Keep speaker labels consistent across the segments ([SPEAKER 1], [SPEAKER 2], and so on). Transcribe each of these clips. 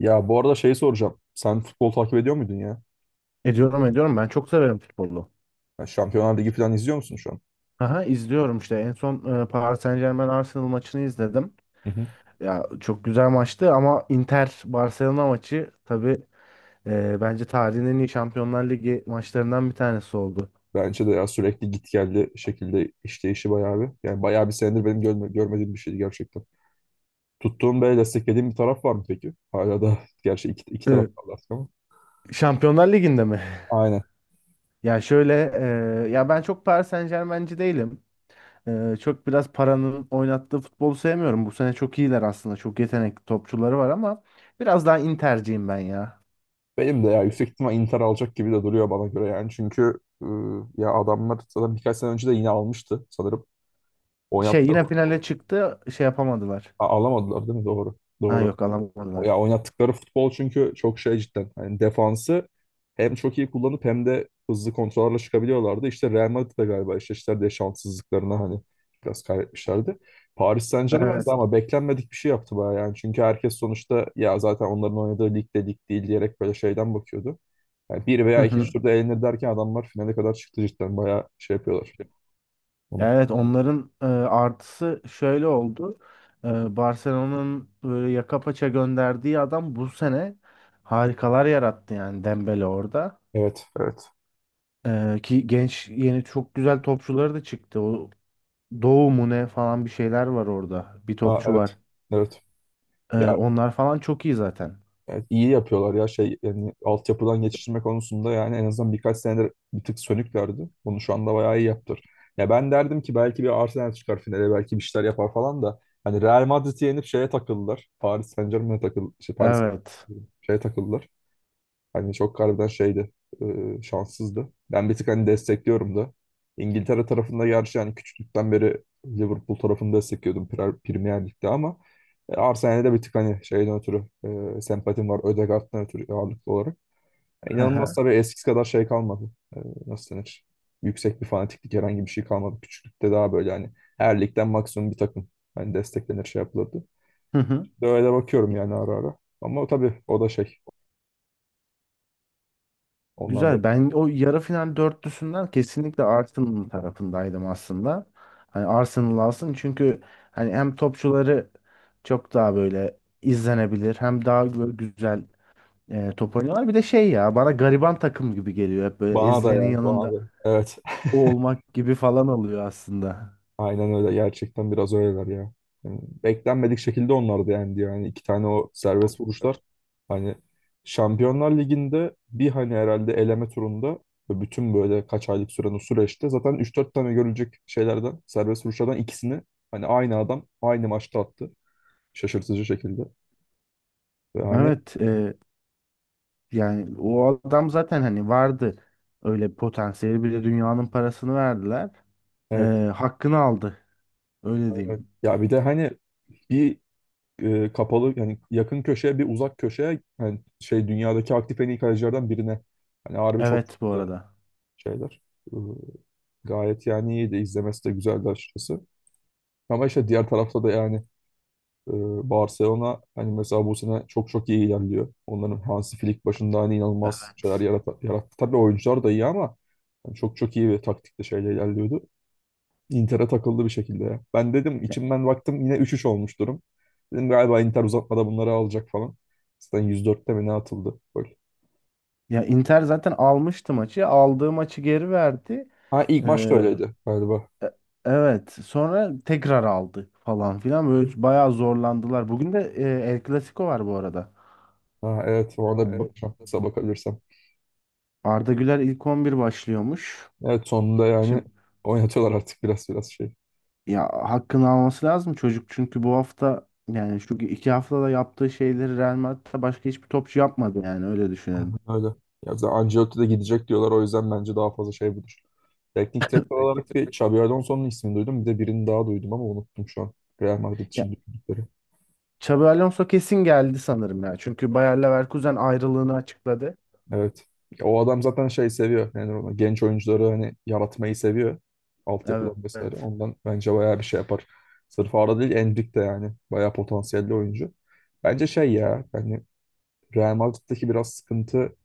[SPEAKER 1] Ya bu arada şey soracağım. Sen futbol takip ediyor muydun ya?
[SPEAKER 2] Ediyorum. Ben çok severim futbolu.
[SPEAKER 1] Ya Şampiyonlar Ligi falan izliyor musun şu an?
[SPEAKER 2] Aha, izliyorum işte. En son Paris Saint-Germain Arsenal maçını izledim.
[SPEAKER 1] Hı hı.
[SPEAKER 2] Ya çok güzel maçtı ama Inter Barcelona maçı tabii bence tarihin en iyi Şampiyonlar Ligi maçlarından bir tanesi oldu.
[SPEAKER 1] Bence de ya sürekli git geldi şekilde işleyişi bayağı bir. Yani bayağı bir senedir benim görmediğim bir şeydi gerçekten. Tuttuğun böyle desteklediğin bir taraf var mı peki? Hala da gerçi iki taraf
[SPEAKER 2] E,
[SPEAKER 1] kaldı artık ama.
[SPEAKER 2] Şampiyonlar Ligi'nde mi?
[SPEAKER 1] Aynen.
[SPEAKER 2] Ya şöyle ya ben çok Paris Saint-Germain'ci değilim. Çok biraz paranın oynattığı futbolu sevmiyorum. Bu sene çok iyiler aslında. Çok yetenekli topçuları var ama biraz daha Inter'ciyim ben ya.
[SPEAKER 1] Benim de ya yüksek ihtimal Inter alacak gibi de duruyor bana göre yani. Çünkü ya adamlar zaten birkaç sene önce de yine almıştı sanırım.
[SPEAKER 2] Şey
[SPEAKER 1] Oynattılar.
[SPEAKER 2] yine finale çıktı şey yapamadılar.
[SPEAKER 1] Alamadılar değil mi? Doğru.
[SPEAKER 2] Ha
[SPEAKER 1] Doğru.
[SPEAKER 2] yok
[SPEAKER 1] Ya
[SPEAKER 2] alamadılar.
[SPEAKER 1] oynattıkları futbol çünkü çok şey cidden. Hani defansı hem çok iyi kullanıp hem de hızlı kontrollerle çıkabiliyorlardı. İşte Real Madrid de galiba eşleştiler diye şanssızlıklarına hani biraz kaybetmişlerdi. Paris Saint-Germain de
[SPEAKER 2] Evet.
[SPEAKER 1] ama beklenmedik bir şey yaptı bayağı yani. Çünkü herkes sonuçta ya zaten onların oynadığı lig de lig değil diyerek böyle şeyden bakıyordu. Yani bir
[SPEAKER 2] Hı
[SPEAKER 1] veya ikinci
[SPEAKER 2] hı.
[SPEAKER 1] turda elenir derken adamlar finale kadar çıktı cidden. Bayağı şey yapıyorlar onu.
[SPEAKER 2] Evet onların artısı şöyle oldu. Barcelona'nın böyle yaka paça gönderdiği adam bu sene harikalar yarattı yani Dembele orada.
[SPEAKER 1] Evet, evet.
[SPEAKER 2] Ki genç yeni çok güzel topçuları da çıktı. O Doğu mu ne falan bir şeyler var orada. Bir
[SPEAKER 1] Ha,
[SPEAKER 2] topçu
[SPEAKER 1] evet,
[SPEAKER 2] var.
[SPEAKER 1] evet. Ya
[SPEAKER 2] Onlar falan çok iyi zaten.
[SPEAKER 1] evet, iyi yapıyorlar ya şey yani altyapıdan geçiştirme konusunda yani en azından birkaç senedir bir tık sönüklerdi. Bunu şu anda bayağı iyi yaptılar. Ya ben derdim ki belki bir Arsenal çıkar finale belki bir şeyler yapar falan da hani Real Madrid'i yenip şeye takıldılar. Paris Saint-Germain'e takıl şey Paris
[SPEAKER 2] Evet.
[SPEAKER 1] şeye takıldılar. Hani çok harbiden şeydi, şanssızdı. Ben bir tık hani destekliyorum da. İngiltere tarafında gerçi yani küçüklükten beri Liverpool tarafını destekliyordum Premier Lig'de ama Arsenal'e de bir tık hani şeyden ötürü sempatim var. Ødegaard'dan ötürü ağırlıklı olarak. Yani inanılmaz
[SPEAKER 2] Hı
[SPEAKER 1] tabii eskisi kadar şey kalmadı. Nasıl denir? Yüksek bir fanatiklik herhangi bir şey kalmadı. Küçüklükte daha böyle hani her ligden maksimum bir takım. Hani desteklenir şey yapılırdı.
[SPEAKER 2] hı.
[SPEAKER 1] Böyle bakıyorum yani ara ara. Ama tabii o da şey. Onlar da.
[SPEAKER 2] Güzel. Ben o yarı final dörtlüsünden kesinlikle Arsenal tarafındaydım aslında. Hani Arsenal alsın çünkü hani hem topçuları çok daha böyle izlenebilir hem daha böyle güzel top oynuyorlar. Bir de şey ya bana gariban takım gibi geliyor. Hep böyle
[SPEAKER 1] Bana da
[SPEAKER 2] ezilenin
[SPEAKER 1] ya, bana
[SPEAKER 2] yanında
[SPEAKER 1] da. Evet,
[SPEAKER 2] o olmak gibi falan oluyor aslında.
[SPEAKER 1] aynen öyle. Gerçekten biraz öyleler ya. Yani beklenmedik şekilde onlar da yendi yani. İki tane o serbest vuruşlar. Hani Şampiyonlar Ligi'nde bir hani herhalde eleme turunda ve bütün böyle kaç aylık süren o süreçte zaten üç dört tane görülecek şeylerden, serbest vuruşlardan ikisini hani aynı adam aynı maçta attı. Şaşırtıcı şekilde. Ve hani
[SPEAKER 2] Evet yani o adam zaten hani vardı öyle bir potansiyeli bir de dünyanın parasını verdiler. E,
[SPEAKER 1] evet,
[SPEAKER 2] hakkını aldı öyle
[SPEAKER 1] aynen.
[SPEAKER 2] diyeyim.
[SPEAKER 1] Ya bir de hani bir kapalı yani yakın köşeye bir uzak köşeye yani şey dünyadaki aktif en iyi kalecilerden birine. Hani harbi çok çok
[SPEAKER 2] Evet bu
[SPEAKER 1] güzel
[SPEAKER 2] arada.
[SPEAKER 1] şeyler. E, gayet yani iyiydi. İzlemesi de güzeldi açıkçası. Ama işte diğer tarafta da yani e, Barcelona hani mesela bu sene çok çok iyi ilerliyor. Onların Hansi Flick başında hani inanılmaz şeyler
[SPEAKER 2] Evet.
[SPEAKER 1] yarattı. Tabii oyuncular da iyi ama yani çok çok iyi bir taktikle şeyle ilerliyordu. Inter'e takıldı bir şekilde ya. Ben dedim
[SPEAKER 2] Ya
[SPEAKER 1] içimden baktım yine üç üç olmuş durum. Dedim galiba Inter uzatmada bunları alacak falan. Zaten 104'te mi ne atıldı gol.
[SPEAKER 2] ya Inter zaten almıştı maçı. Aldığı maçı geri verdi.
[SPEAKER 1] Ha, ilk maç da
[SPEAKER 2] Ee,
[SPEAKER 1] öyleydi galiba.
[SPEAKER 2] e- evet. Sonra tekrar aldı falan filan. Böyle bayağı zorlandılar. Bugün de El Clasico var bu arada.
[SPEAKER 1] Ha, evet,
[SPEAKER 2] Ha,
[SPEAKER 1] orada bir
[SPEAKER 2] evet.
[SPEAKER 1] bakacağım kısa bakabilirsem.
[SPEAKER 2] Arda Güler ilk 11 başlıyormuş.
[SPEAKER 1] Evet, sonunda yani
[SPEAKER 2] Şimdi
[SPEAKER 1] oynatıyorlar artık biraz biraz şey.
[SPEAKER 2] ya hakkını alması lazım çocuk çünkü bu hafta yani şu iki haftada yaptığı şeyleri Real Madrid'de başka hiçbir topçu yapmadı yani öyle düşünelim.
[SPEAKER 1] Öyle. Ya zaten Ancelotti de gidecek diyorlar o yüzden bence daha fazla şey budur. Teknik direktör olarak
[SPEAKER 2] Rakip
[SPEAKER 1] bir
[SPEAKER 2] takım
[SPEAKER 1] Xabi Alonso'nun ismini duydum. Bir de birini daha duydum ama unuttum şu an. Real Madrid düşündükleri.
[SPEAKER 2] Xabi Alonso kesin geldi sanırım ya. Çünkü Bayer Leverkusen ayrılığını açıkladı.
[SPEAKER 1] Evet. Ya o adam zaten şey seviyor. Yani ona genç oyuncuları hani yaratmayı seviyor. Altyapıdan vesaire.
[SPEAKER 2] Evet.
[SPEAKER 1] Ondan bence bayağı bir şey yapar. Sırf Arda değil, Endrick de yani. Bayağı potansiyelli oyuncu. Bence şey ya yani Real Madrid'deki biraz sıkıntı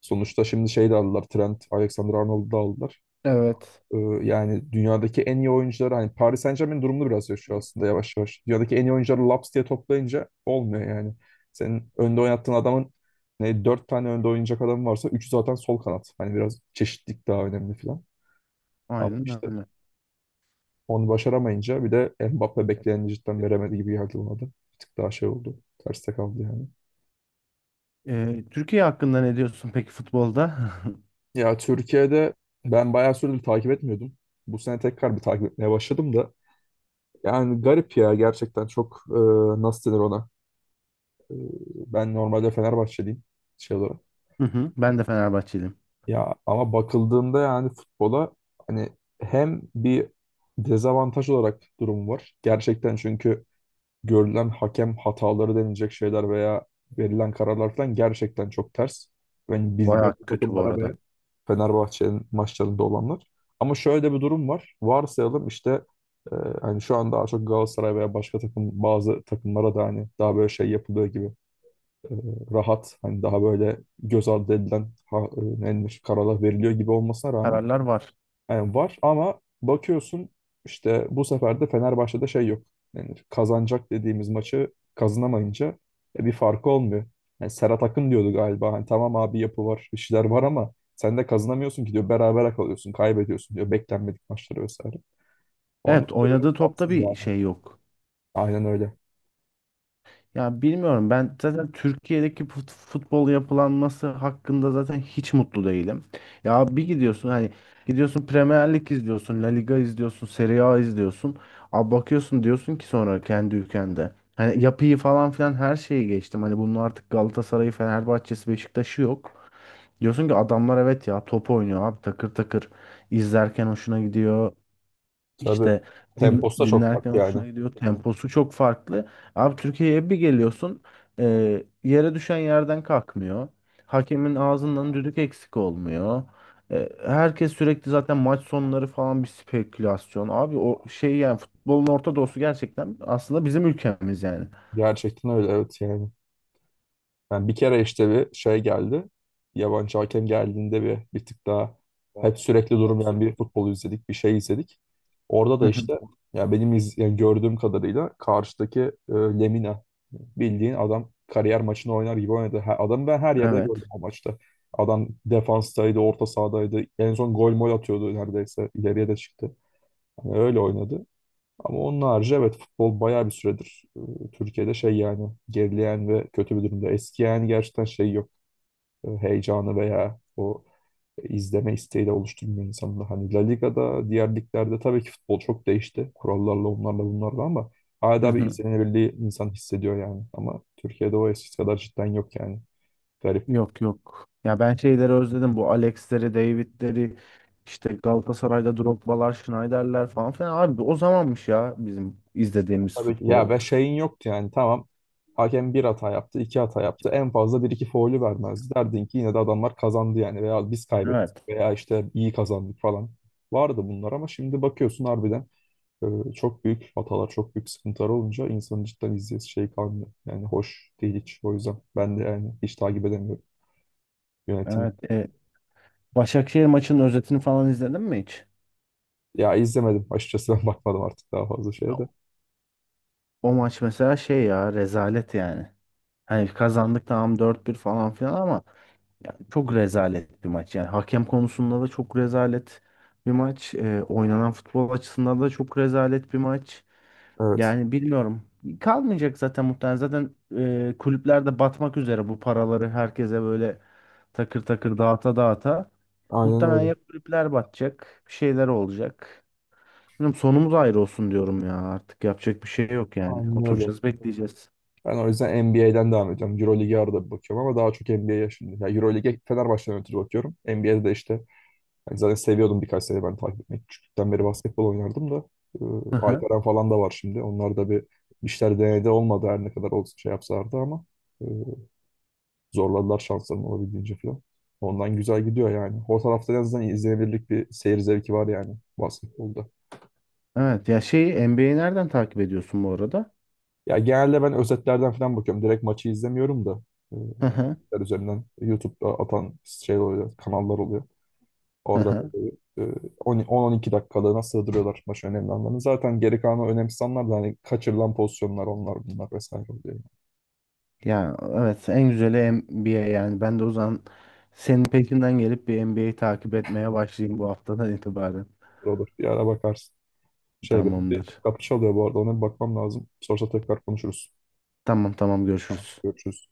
[SPEAKER 1] sonuçta şimdi şey de aldılar. Trent, Alexander-Arnold'u da aldılar.
[SPEAKER 2] Evet.
[SPEAKER 1] Ee, yani dünyadaki en iyi oyuncuları hani Paris Saint-Germain durumunu biraz yaşıyor aslında yavaş yavaş. Dünyadaki en iyi oyuncuları laps diye toplayınca olmuyor yani. Senin önde oynattığın adamın ne dört tane önde oynayacak adam varsa üçü zaten sol kanat. Hani biraz çeşitlilik daha önemli falan. Ama
[SPEAKER 2] Aynen
[SPEAKER 1] işte
[SPEAKER 2] öyle.
[SPEAKER 1] onu başaramayınca bir de Mbappe bekleneni cidden veremedi gibi geldi bana da. Bir tık daha şey oldu. Terste kaldı yani.
[SPEAKER 2] Türkiye hakkında ne diyorsun peki futbolda?
[SPEAKER 1] Ya Türkiye'de ben bayağı süredir takip etmiyordum. Bu sene tekrar bir takip etmeye başladım. Da. Yani garip ya gerçekten çok. Nasıl denir ona? Ee, Ben normalde Fenerbahçeliyim şey olarak.
[SPEAKER 2] Hı hı. Ben de Fenerbahçeliyim.
[SPEAKER 1] Ya ama bakıldığında yani futbola hani hem bir dezavantaj olarak durumu var. Gerçekten çünkü görülen hakem hataları denilecek şeyler veya verilen kararlar falan gerçekten çok ters. Yani biz belli
[SPEAKER 2] Bayağı kötü bu
[SPEAKER 1] takımlara
[SPEAKER 2] arada.
[SPEAKER 1] ve Fenerbahçe'nin maçlarında olanlar. Ama şöyle bir durum var. Varsayalım işte e, hani şu an daha çok Galatasaray veya başka takım bazı takımlara da hani daha böyle şey yapılıyor gibi e, rahat hani daha böyle göz ardı edilen ha, ne denir, kararlar veriliyor gibi olmasına rağmen
[SPEAKER 2] Kararlar var.
[SPEAKER 1] yani var ama bakıyorsun işte bu sefer de Fenerbahçe'de şey yok. Ne denir, kazanacak dediğimiz maçı kazanamayınca bir farkı olmuyor. Yani Serhat Akın diyordu galiba. Hani tamam abi yapı var, bir şeyler var ama sen de kazanamıyorsun ki diyor. Berabere kalıyorsun, kaybediyorsun diyor. Beklenmedik maçları vesaire. Onun
[SPEAKER 2] Evet
[SPEAKER 1] için biraz
[SPEAKER 2] oynadığı topta
[SPEAKER 1] tatsız
[SPEAKER 2] bir
[SPEAKER 1] yani.
[SPEAKER 2] şey yok.
[SPEAKER 1] Aynen öyle.
[SPEAKER 2] Ya bilmiyorum ben zaten Türkiye'deki futbol yapılanması hakkında zaten hiç mutlu değilim. Ya bir gidiyorsun hani gidiyorsun Premier Lig izliyorsun, La Liga izliyorsun, Serie A izliyorsun. Abi bakıyorsun diyorsun ki sonra kendi ülkende. Hani yapıyı falan filan her şeyi geçtim. Hani bunun artık Galatasaray'ı, Fenerbahçe'si, Beşiktaş'ı yok. Diyorsun ki adamlar evet ya top oynuyor abi takır takır. İzlerken hoşuna gidiyor.
[SPEAKER 1] Tabii.
[SPEAKER 2] İşte
[SPEAKER 1] Temposu da çok
[SPEAKER 2] dinlerken
[SPEAKER 1] farklı yani.
[SPEAKER 2] hoşuna gidiyor. Temposu çok farklı. Abi Türkiye'ye bir geliyorsun yere düşen yerden kalkmıyor. Hakemin ağzından düdük eksik olmuyor. Herkes sürekli zaten maç sonları falan bir spekülasyon. Abi o şey yani futbolun Orta Doğusu gerçekten aslında bizim ülkemiz yani.
[SPEAKER 1] Gerçekten öyle evet yani. Yani bir kere işte bir şey geldi. Yabancı hakem geldiğinde bir tık daha hep sürekli durmayan bir futbol izledik, bir şey izledik. Orada
[SPEAKER 2] Hı
[SPEAKER 1] da
[SPEAKER 2] hı.
[SPEAKER 1] işte ya benim yani gördüğüm kadarıyla karşıdaki Lemina bildiğin adam kariyer maçını oynar gibi oynadı. Ha, adamı ben her yerde gördüm
[SPEAKER 2] Evet.
[SPEAKER 1] o maçta. Adam defanstaydı, orta sahadaydı. En son gol mol atıyordu neredeyse. İleriye de çıktı. Yani öyle oynadı. Ama onun harici evet futbol bayağı bir süredir Türkiye'de şey yani gerileyen ve kötü bir durumda. Eski yani gerçekten şey yok. Heyecanı veya o izleme isteği de oluşturmuyor insanın. Hani La Liga'da, diğer liglerde tabii ki futbol çok değişti. Kurallarla onlarla bunlarla ama
[SPEAKER 2] Hı
[SPEAKER 1] hala bir
[SPEAKER 2] hı.
[SPEAKER 1] izlenebildiği insan hissediyor yani. Ama Türkiye'de o eskisi kadar cidden yok yani. Garip.
[SPEAKER 2] Yok yok. Ya ben şeyleri özledim. Bu Alex'leri, David'leri, işte Galatasaray'da Drogba'lar, Schneider'ler falan filan. Abi o zamanmış ya bizim izlediğimiz
[SPEAKER 1] Tabii ki. Ya
[SPEAKER 2] futbol.
[SPEAKER 1] ve şeyin yoktu yani tamam. Hakem bir hata yaptı, iki hata yaptı. En fazla bir iki faulü vermezdi. Derdin ki yine de adamlar kazandı yani veya biz kaybettik
[SPEAKER 2] Evet.
[SPEAKER 1] veya işte iyi kazandık falan. Vardı bunlar ama şimdi bakıyorsun harbiden çok büyük hatalar, çok büyük sıkıntılar olunca insanın cidden izleyesi şey kalmıyor. Yani hoş değil hiç. O yüzden ben de yani hiç takip edemiyorum yönetim.
[SPEAKER 2] Evet. Başakşehir maçının özetini falan izledin mi hiç?
[SPEAKER 1] Ya izlemedim açıkçası ben bakmadım artık daha fazla şeye de.
[SPEAKER 2] O o maç mesela şey ya rezalet yani. Hani kazandık tamam dört bir falan filan ama yani çok rezalet bir maç. Yani hakem konusunda da çok rezalet bir maç. Oynanan futbol açısından da çok rezalet bir maç.
[SPEAKER 1] Evet.
[SPEAKER 2] Yani bilmiyorum. Kalmayacak zaten muhtemelen. Zaten kulüpler de batmak üzere bu paraları herkese böyle takır takır dağıta dağıta.
[SPEAKER 1] Aynen
[SPEAKER 2] Muhtemelen
[SPEAKER 1] öyle.
[SPEAKER 2] ya kulüpler batacak, bir şeyler olacak. Bilmiyorum, sonumuz ayrı olsun diyorum ya. Artık yapacak bir şey yok yani.
[SPEAKER 1] Aynen öyle.
[SPEAKER 2] Oturacağız, bekleyeceğiz.
[SPEAKER 1] Ben o yüzden NBA'den devam edeceğim. Euroleague'e arada bir bakıyorum ama daha çok NBA'ye şimdi. Ya Euroleague'e Fenerbahçe'den ötürü bakıyorum. NBA'de de işte hani zaten seviyordum birkaç sene ben takip etmeyi. Küçüklükten beri basketbol oynardım da. E,
[SPEAKER 2] Hı hı.
[SPEAKER 1] Alperen falan da var şimdi. Onlar da bir bir işler denedi olmadı her ne kadar olsun şey yapsalardı ama e, zorladılar şanslarını olabildiğince falan. Ondan güzel gidiyor yani. O tarafta en azından izlenebilirlik bir seyir zevki var yani basketbolda.
[SPEAKER 2] Evet ya şeyi NBA'yi nereden takip ediyorsun bu arada?
[SPEAKER 1] Ya genelde ben özetlerden falan bakıyorum. Direkt maçı izlemiyorum da. e,
[SPEAKER 2] Hı hı,
[SPEAKER 1] özetler üzerinden YouTube'da atan şey oluyor, kanallar oluyor.
[SPEAKER 2] hı
[SPEAKER 1] Orada
[SPEAKER 2] hı.
[SPEAKER 1] böyle, e, 10 10-12 dakikalığına sığdırıyorlar maç önemli anlarını. Zaten geri kalanı önemsiz anlar da hani kaçırılan pozisyonlar onlar bunlar vesaire oluyor. Yani.
[SPEAKER 2] Ya evet en güzeli NBA yani. Ben de o zaman senin peşinden gelip bir NBA'yi takip etmeye başlayayım bu haftadan itibaren.
[SPEAKER 1] Olur olur. Bir ara bakarsın. Şey benim bir
[SPEAKER 2] Tamamdır.
[SPEAKER 1] kapı çalıyor bu arada. Ona bir bakmam lazım. Sorsa tekrar konuşuruz.
[SPEAKER 2] Tamam
[SPEAKER 1] Tamam,
[SPEAKER 2] görüşürüz.
[SPEAKER 1] görüşürüz.